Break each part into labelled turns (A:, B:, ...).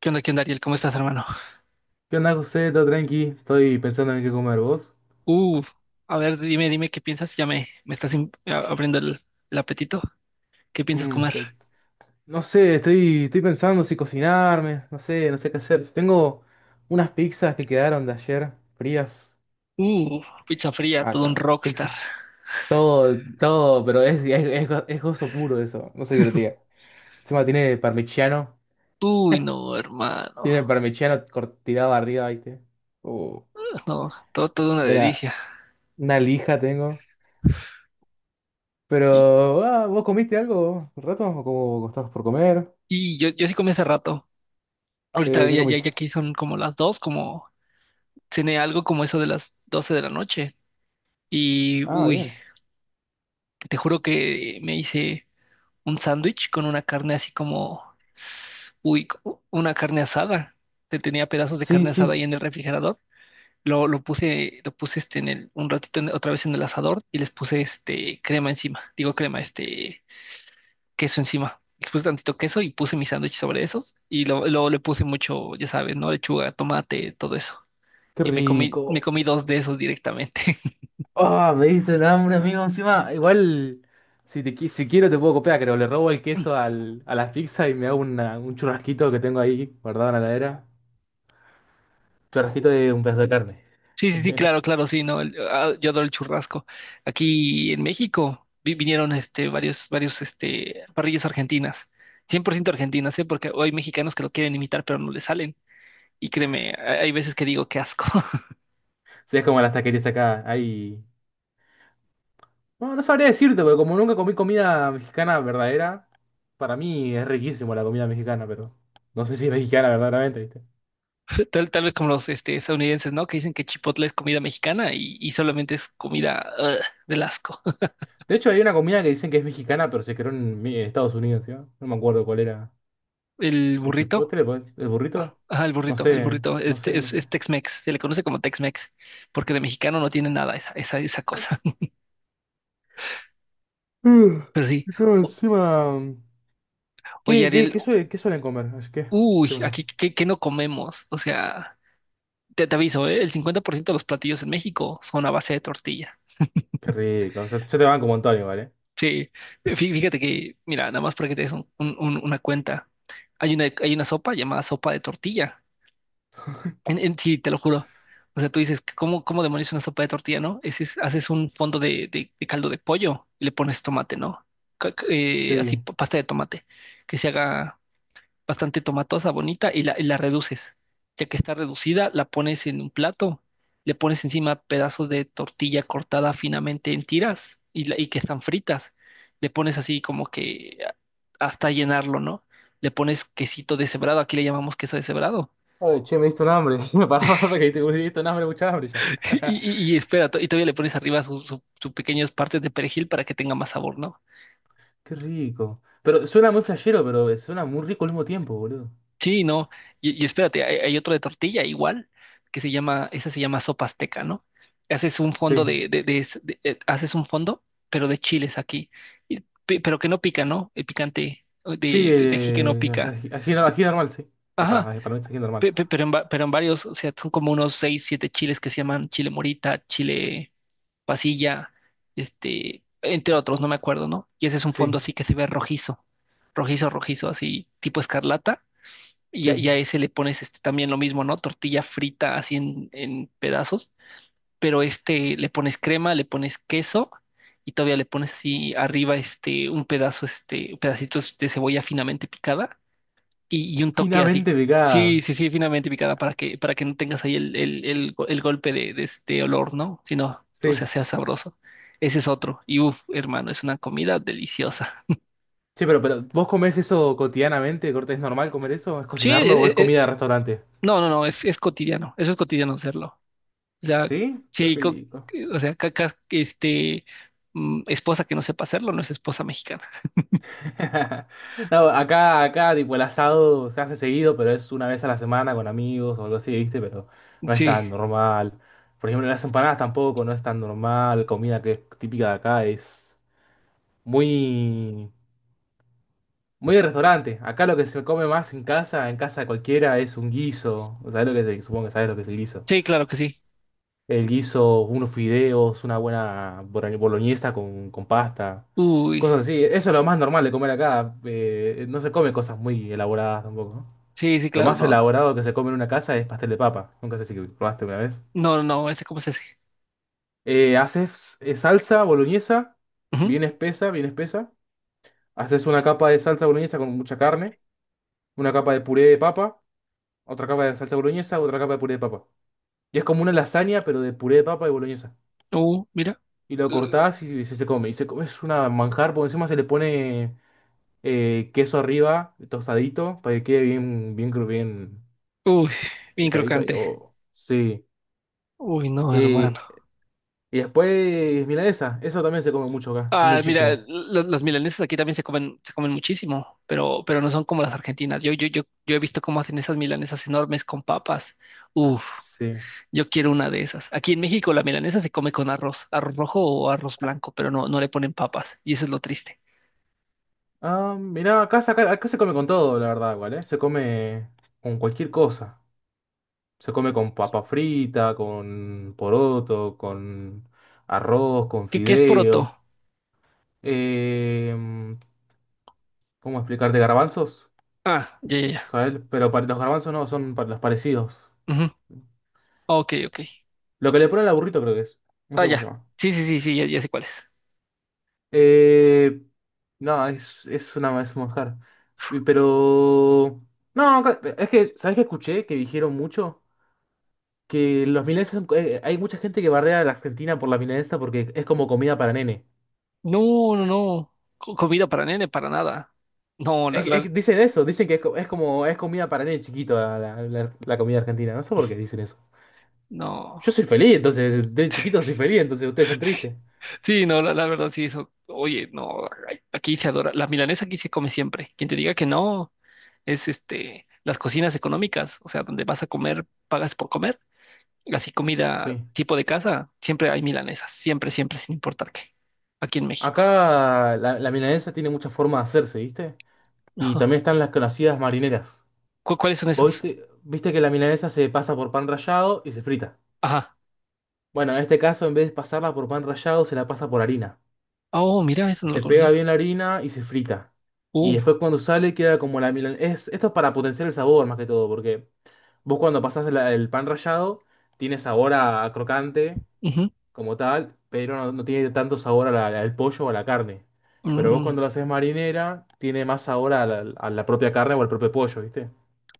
A: Qué onda, Ariel? ¿Cómo estás, hermano?
B: ¿Qué onda, José? ¿Todo tranqui? Estoy pensando en qué comer, ¿vos?
A: Uh, a ver, dime qué piensas. Ya me estás abriendo el apetito. ¿Qué piensas
B: Mm,
A: comer?
B: te- no sé, estoy pensando si cocinarme, no sé, no sé qué hacer. Tengo unas pizzas que quedaron de ayer, frías.
A: Uh, Pizza fría, todo un
B: Acá,
A: rockstar.
B: pizzas. Todo, todo, pero es gozo puro eso, no sé qué le diga. Encima tiene parmigiano,
A: Uy, no,
B: tiene
A: hermano.
B: parmigiano tirado arriba, ¿viste? Uh,
A: No, todo, todo una
B: una,
A: delicia.
B: una lija tengo. Pero,
A: Y,
B: ¿vos comiste algo un rato? ¿O cómo estás por comer?
A: y yo sí comí hace rato. Ahorita
B: ¿Qué
A: ya, ya,
B: comiste?
A: ya aquí son como las 2, como cené algo como eso de las 12 de la noche. Y,
B: Ah,
A: uy,
B: bien.
A: te juro que me hice un sándwich con una carne así como, uy, una carne asada. Te tenía pedazos de
B: Sí,
A: carne asada ahí
B: sí,
A: en el refrigerador. Lo puse, este en un ratito otra vez en el asador y les puse este crema encima. Digo crema, este queso encima. Les puse tantito queso y puse mi sándwich sobre esos. Y luego le puse mucho, ya sabes, ¿no? Lechuga, tomate, todo eso.
B: qué
A: Y me
B: rico.
A: comí dos de esos directamente.
B: Ah, me diste el hambre, amigo, encima. Igual, si quiero te puedo copiar, creo. Le robo el queso a la pizza y me hago un churrasquito que tengo ahí guardado en la heladera. Churrasquito de un pedazo de carne.
A: Sí, sí, sí, claro, claro, sí, no, ah, yo adoro el churrasco. Aquí en México vinieron este varios este parrillas argentinas, 100% argentinas, ¿eh? Porque hay mexicanos que lo quieren imitar pero no le salen. Y créeme, hay veces que digo qué asco.
B: Sí, es como las taquerías acá, hay... No, no sabría decirte, porque como nunca comí comida mexicana verdadera, para mí es riquísimo la comida mexicana, pero no sé si es mexicana verdaderamente, ¿viste?
A: Tal vez como los este, estadounidenses, ¿no? Que dicen que Chipotle es comida mexicana y solamente es comida ugh, del asco.
B: De hecho, hay una comida que dicen que es mexicana, pero se creó en Estados Unidos, ¿sí? No me acuerdo cuál era.
A: El
B: El
A: burrito,
B: chipotle, pues, el
A: ah,
B: burrito.
A: ajá,
B: No
A: el
B: sé,
A: burrito,
B: no
A: este
B: sé, no
A: es,
B: sé.
A: es Tex-Mex, se le conoce como Tex-Mex, porque de mexicano no tiene nada esa cosa. Pero sí.
B: Y claro, encima.
A: Oye, Ariel,
B: ¿Qué suelen comer? Ay, ¿qué?
A: uy,
B: ¿Qué pasó?
A: aquí, ¿qué no comemos? O sea, te aviso, ¿eh? El 50% de los platillos en México son a base de tortilla.
B: Qué rico. Se te van como Antonio, ¿vale?
A: Sí, fíjate que, mira, nada más para que te des una cuenta, hay una sopa llamada sopa de tortilla. Sí, te lo juro. O sea, tú dices, ¿cómo demonios una sopa de tortilla, no? Haces un fondo de caldo de pollo y le pones tomate, ¿no? Así,
B: Sí.
A: pasta de tomate, que se haga bastante tomatosa, bonita, y la reduces. Ya que está reducida, la pones en un plato, le pones encima pedazos de tortilla cortada finamente en tiras y, y que están fritas. Le pones así como que hasta llenarlo, ¿no? Le pones quesito deshebrado, aquí le llamamos queso deshebrado.
B: Ay, che, me diste un hambre. Me paraba me diste un hambre, mucha hambre ya.
A: Y espera, y todavía le pones arriba sus pequeñas partes de perejil para que tenga más sabor, ¿no?
B: Qué rico. Pero suena muy flashero, pero suena muy rico al mismo tiempo, boludo.
A: Sí, no. Y espérate, hay otro de tortilla igual, que se llama, esa se llama sopa azteca, ¿no? Haces un fondo
B: Sí.
A: haces un fondo, pero de chiles aquí. Y pero que no pica, ¿no? El picante
B: Sí,
A: de aquí que no pica.
B: ají, ají normal, sí. Ah,
A: Ajá,
B: para mí es ají normal.
A: pero en varios, o sea, son como unos seis, siete chiles que se llaman chile morita, chile pasilla, este, entre otros, no me acuerdo, ¿no? Y ese es un
B: Sí,
A: fondo así que se ve rojizo, rojizo, rojizo, así tipo escarlata
B: sí.
A: y a ese le pones este, también lo mismo, ¿no? Tortilla frita así en pedazos, pero este le pones crema, le pones queso y todavía le pones así arriba este un pedazo, este pedacitos de cebolla finamente picada y un toque así,
B: Finamente
A: sí,
B: picada.
A: sí, sí, finamente picada para que no tengas ahí el golpe de este olor, ¿no? Sino, o sea,
B: Sí.
A: sabroso. Ese es otro. Y uff, hermano, es una comida deliciosa.
B: Sí, pero ¿vos comés eso cotidianamente? Corte, ¿es normal comer eso? ¿Es
A: Sí,
B: cocinarlo o es comida de restaurante?
A: no, no, no, es cotidiano. Eso es cotidiano hacerlo. O sea,
B: ¿Sí? Qué
A: sí,
B: rico.
A: o sea, cacas, este, esposa que no sepa hacerlo no es esposa mexicana.
B: No, acá, acá, tipo, el asado se hace seguido, pero es una vez a la semana con amigos o algo así, ¿viste? Pero no es
A: Sí,
B: tan normal. Por ejemplo, las empanadas tampoco, no es tan normal. Comida que es típica de acá es muy, muy de restaurante. Acá lo que se come más en casa de cualquiera, es un guiso. ¿Sabés lo que es el- Supongo que sabes lo que es el guiso.
A: sí, claro que sí.
B: Él hizo unos fideos, una buena boloñesa con pasta,
A: Uy,
B: cosas así. Eso es lo más normal de comer acá. No se come cosas muy elaboradas tampoco, ¿no?
A: sí, sí,
B: Lo
A: claro,
B: más
A: no,
B: elaborado que se come en una casa es pastel de papa. Nunca sé si probaste una vez.
A: no, no, ese cómo se hace.
B: Haces salsa boloñesa,
A: Ujú.
B: bien espesa, bien espesa. Haces una capa de salsa boloñesa con mucha carne, una capa de puré de papa, otra capa de salsa boloñesa, otra capa de puré de papa. Y es como una lasaña, pero de puré de papa y boloñesa.
A: Mira.
B: Y lo
A: Uh,
B: cortás y se come. Y se come, es una manjar, porque encima se le pone queso arriba, tostadito, para que quede bien
A: Uy, bien
B: tostadito. Y,
A: crocante.
B: oh, sí.
A: Uy, no, hermano.
B: Eh, y después, milanesa, eso también se come mucho acá,
A: Ah, mira,
B: muchísimo.
A: los milanesas aquí también se comen, muchísimo, pero no son como las argentinas. Yo he visto cómo hacen esas milanesas enormes con papas. Uf.
B: Sí.
A: Yo quiero una de esas. Aquí en México la milanesa se come con arroz, arroz rojo o arroz blanco, pero no, no le ponen papas. Y eso es lo triste.
B: Ah, mirá, acá se come con todo, la verdad, igual, ¿eh? Se come con cualquier cosa. Se come con papa frita, con poroto, con arroz, con
A: ¿Qué es poroto?
B: fideo. Eh, ¿Cómo explicarte garbanzos?
A: Ah, ya, ya, ya.
B: ¿Sabes? Pero para los garbanzos no, son para los parecidos.
A: Ujú. Ok, ok.
B: Lo que le ponen al burrito creo que es. No sé
A: Ah,
B: cómo se
A: ya.
B: llama.
A: Sí, sí, sí, sí, ya, ya sé cuál es.
B: Eh, no, es un manjar. Y... Pero... No, es que, ¿sabes qué escuché? Que dijeron mucho que los milanesas... hay mucha gente que bardea a la Argentina por la milanesa porque es como comida para nene.
A: No, no, no. Comida para nene, para nada. No,
B: Es que dicen eso, dicen que es como es comida para nene chiquito la, la comida argentina. No sé por qué dicen eso.
A: no.
B: Yo soy feliz, entonces, de chiquito soy feliz, entonces ustedes son tristes.
A: Sí, no, la verdad, sí, eso. Oye, no, ay, aquí se adora. La milanesa aquí se come siempre. Quien te diga que no, es este, las cocinas económicas, o sea, donde vas a comer, pagas por comer. Así comida
B: Sí.
A: tipo de casa, siempre hay milanesas, siempre, siempre, sin importar qué, aquí en México.
B: Acá la, la milanesa tiene muchas formas de hacerse, ¿viste? Y
A: Ajá.
B: también están las conocidas marineras.
A: Cuáles son
B: ¿Vos
A: esas?
B: viste, viste que la milanesa se pasa por pan rallado y se frita?
A: Ajá.
B: Bueno, en este caso, en vez de pasarla por pan rallado, se la pasa por harina.
A: Oh, mira, eso no lo
B: Se pega
A: conocía.
B: bien la harina y se frita. Y
A: Uf,
B: después cuando sale queda como la milanesa. Esto es para potenciar el sabor más que todo, porque vos cuando pasás el pan rallado, tiene sabor a crocante
A: ujú,
B: como tal, pero no, no tiene tanto sabor a al pollo o a la carne. Pero vos
A: mm,
B: cuando lo haces marinera, tiene más sabor a la propia carne o al propio pollo, ¿viste?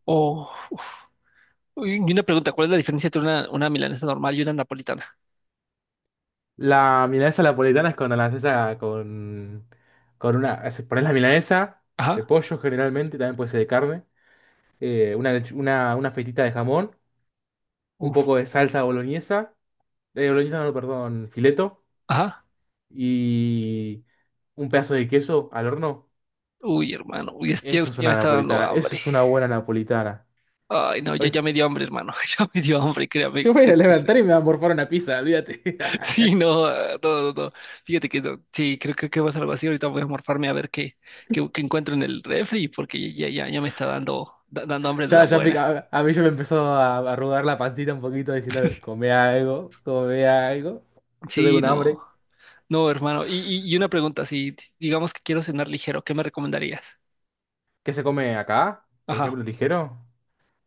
A: oh, uf. Y una pregunta, ¿cuál es la diferencia entre una milanesa normal y una napolitana?
B: La milanesa napolitana es cuando la haces con una... Pones la milanesa de
A: Ajá,
B: pollo generalmente, también puede ser de carne, una, una fetita de jamón, un
A: uf,
B: poco de salsa boloñesa, boloñesa no, perdón, fileto,
A: ajá.
B: y un pedazo de queso al horno.
A: Uy, hermano, uy, ya
B: Eso es
A: usted ya me
B: una
A: está dando
B: napolitana, eso
A: hambre.
B: es una buena napolitana.
A: Ay, no, ya me dio hambre, hermano, ya me dio hambre, créame.
B: Yo voy a levantar y me va a morfar una pizza, olvídate.
A: Sí, no, ah, no, no, no. Fíjate que no. Sí, creo que va a ser algo así. Ahorita voy a morfarme a ver qué encuentro en el refri, porque ya me está dando, dando hambre de la buena.
B: A, a mí ya me empezó a arrugar la pancita un poquito diciendo, come algo, come algo. Yo tengo
A: Sí,
B: un
A: no,
B: hambre.
A: no, hermano. Y una pregunta, si si, digamos que quiero cenar ligero, ¿qué me recomendarías?
B: ¿Qué se come acá? Por
A: Ajá,
B: ejemplo, ligero.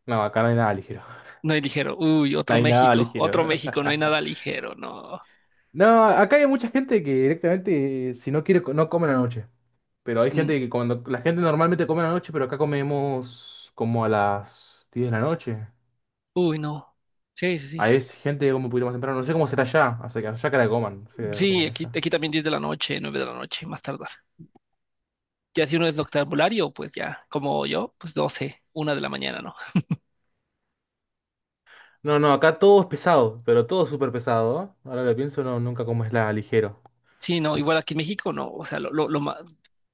B: No, acá no hay nada ligero.
A: no hay ligero. Uy,
B: No hay nada ligero.
A: Otro México, no hay nada ligero, no.
B: No, acá hay mucha gente que directamente, si no quiere, no come a la noche. Pero hay
A: Mm.
B: gente que cuando, la gente normalmente come a la noche, pero acá comemos como a las 10 de la noche.
A: Uy, no. Sí, sí, sí.
B: Ahí es gente que come un poquito más temprano. No sé cómo será allá. O sea, que allá que la coman. No sé qué la
A: Sí, aquí,
B: allá.
A: aquí también 10 de la noche, 9 de la noche, más tardar. Ya si uno es noctambulario, pues ya, como yo, pues 12, 1 de la mañana, ¿no?
B: No, no, acá todo es pesado, pero todo es súper pesado. ¿Eh? Ahora lo pienso, no, nunca comes la ligero.
A: Sí, no, igual aquí en México, no, o sea,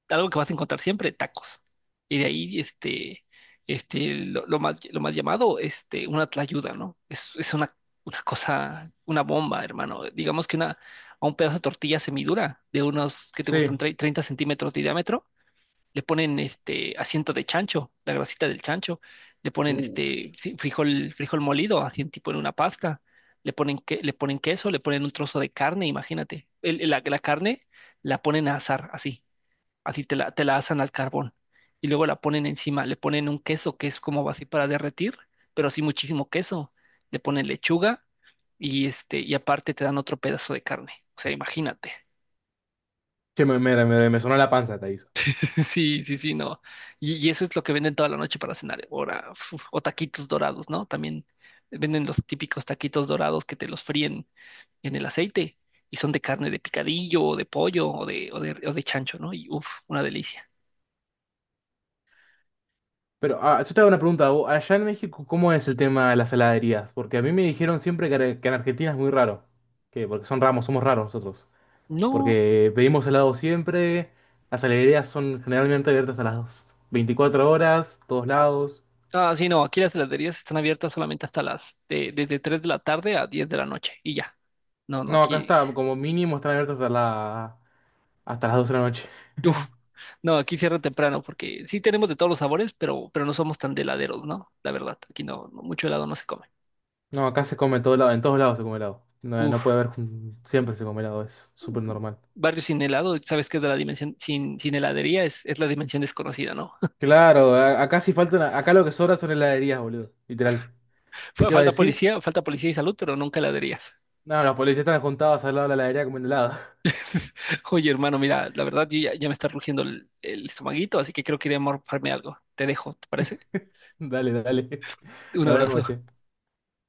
A: algo que vas a encontrar siempre, tacos. Y de ahí, este, este, lo más llamado, este, una tlayuda, ¿no? Es una, cosa, una bomba, hermano. Digamos que a un pedazo de tortilla semidura de unos, que te gustan?
B: Sí.
A: 30 centímetros de diámetro, le ponen este asiento de chancho, la grasita del chancho, le ponen
B: Uy.
A: este frijol, frijol molido, así en tipo en una pasta, le ponen le ponen queso, le ponen un trozo de carne, imagínate. La carne la ponen a asar, así, así te la asan al carbón. Y luego la ponen encima, le ponen un queso que es como así para derretir, pero sí muchísimo queso. Le ponen lechuga y este, y aparte te dan otro pedazo de carne. O sea, imagínate.
B: Che, me sonó la panza, te aviso.
A: Sí, sí, sí, no. Y eso es lo que venden toda la noche para cenar. Ahora, uf, o taquitos dorados, ¿no? También venden los típicos taquitos dorados que te los fríen en el aceite y son de carne de picadillo o de pollo o de chancho, ¿no? Y uff, una delicia.
B: Pero ah, yo te hago una pregunta. Vos, allá en México, ¿cómo es el tema de las heladerías? Porque a mí me dijeron siempre que en Argentina es muy raro. Que porque son ramos, somos raros nosotros.
A: No,
B: Porque pedimos helado siempre. Las heladerías son generalmente abiertas a las 24 horas, todos lados.
A: ah, sí, no, aquí las heladerías están abiertas solamente desde 3 de la tarde a 10 de la noche y ya. No, no,
B: No, acá
A: aquí,
B: está, como mínimo están abiertos hasta las 12 de la noche.
A: uf, no, aquí cierra temprano porque sí tenemos de todos los sabores, pero no somos tan de heladeros, ¿no? La verdad, aquí no, no mucho helado no se come.
B: No, acá se come todo lado, en todos lados se come helado. No, no
A: Uf,
B: puede haber, siempre se come helado, es súper normal.
A: barrio sin helado, sabes que es de la dimensión, sin heladería es la dimensión desconocida, ¿no?
B: Claro, acá sí faltan, acá lo que sobra son heladerías, boludo, literal. ¿Qué
A: Fue
B: te iba a decir?
A: Falta policía y salud, pero nunca heladerías.
B: No, los policías están juntados al lado de la heladería comiendo helado.
A: Oye, hermano, mira, la verdad yo ya me está rugiendo el estomaguito, así que creo que iré a morfarme algo. Te dejo, ¿te parece?
B: Dale, dale.
A: Un
B: Nos vemos,
A: abrazo.
B: che.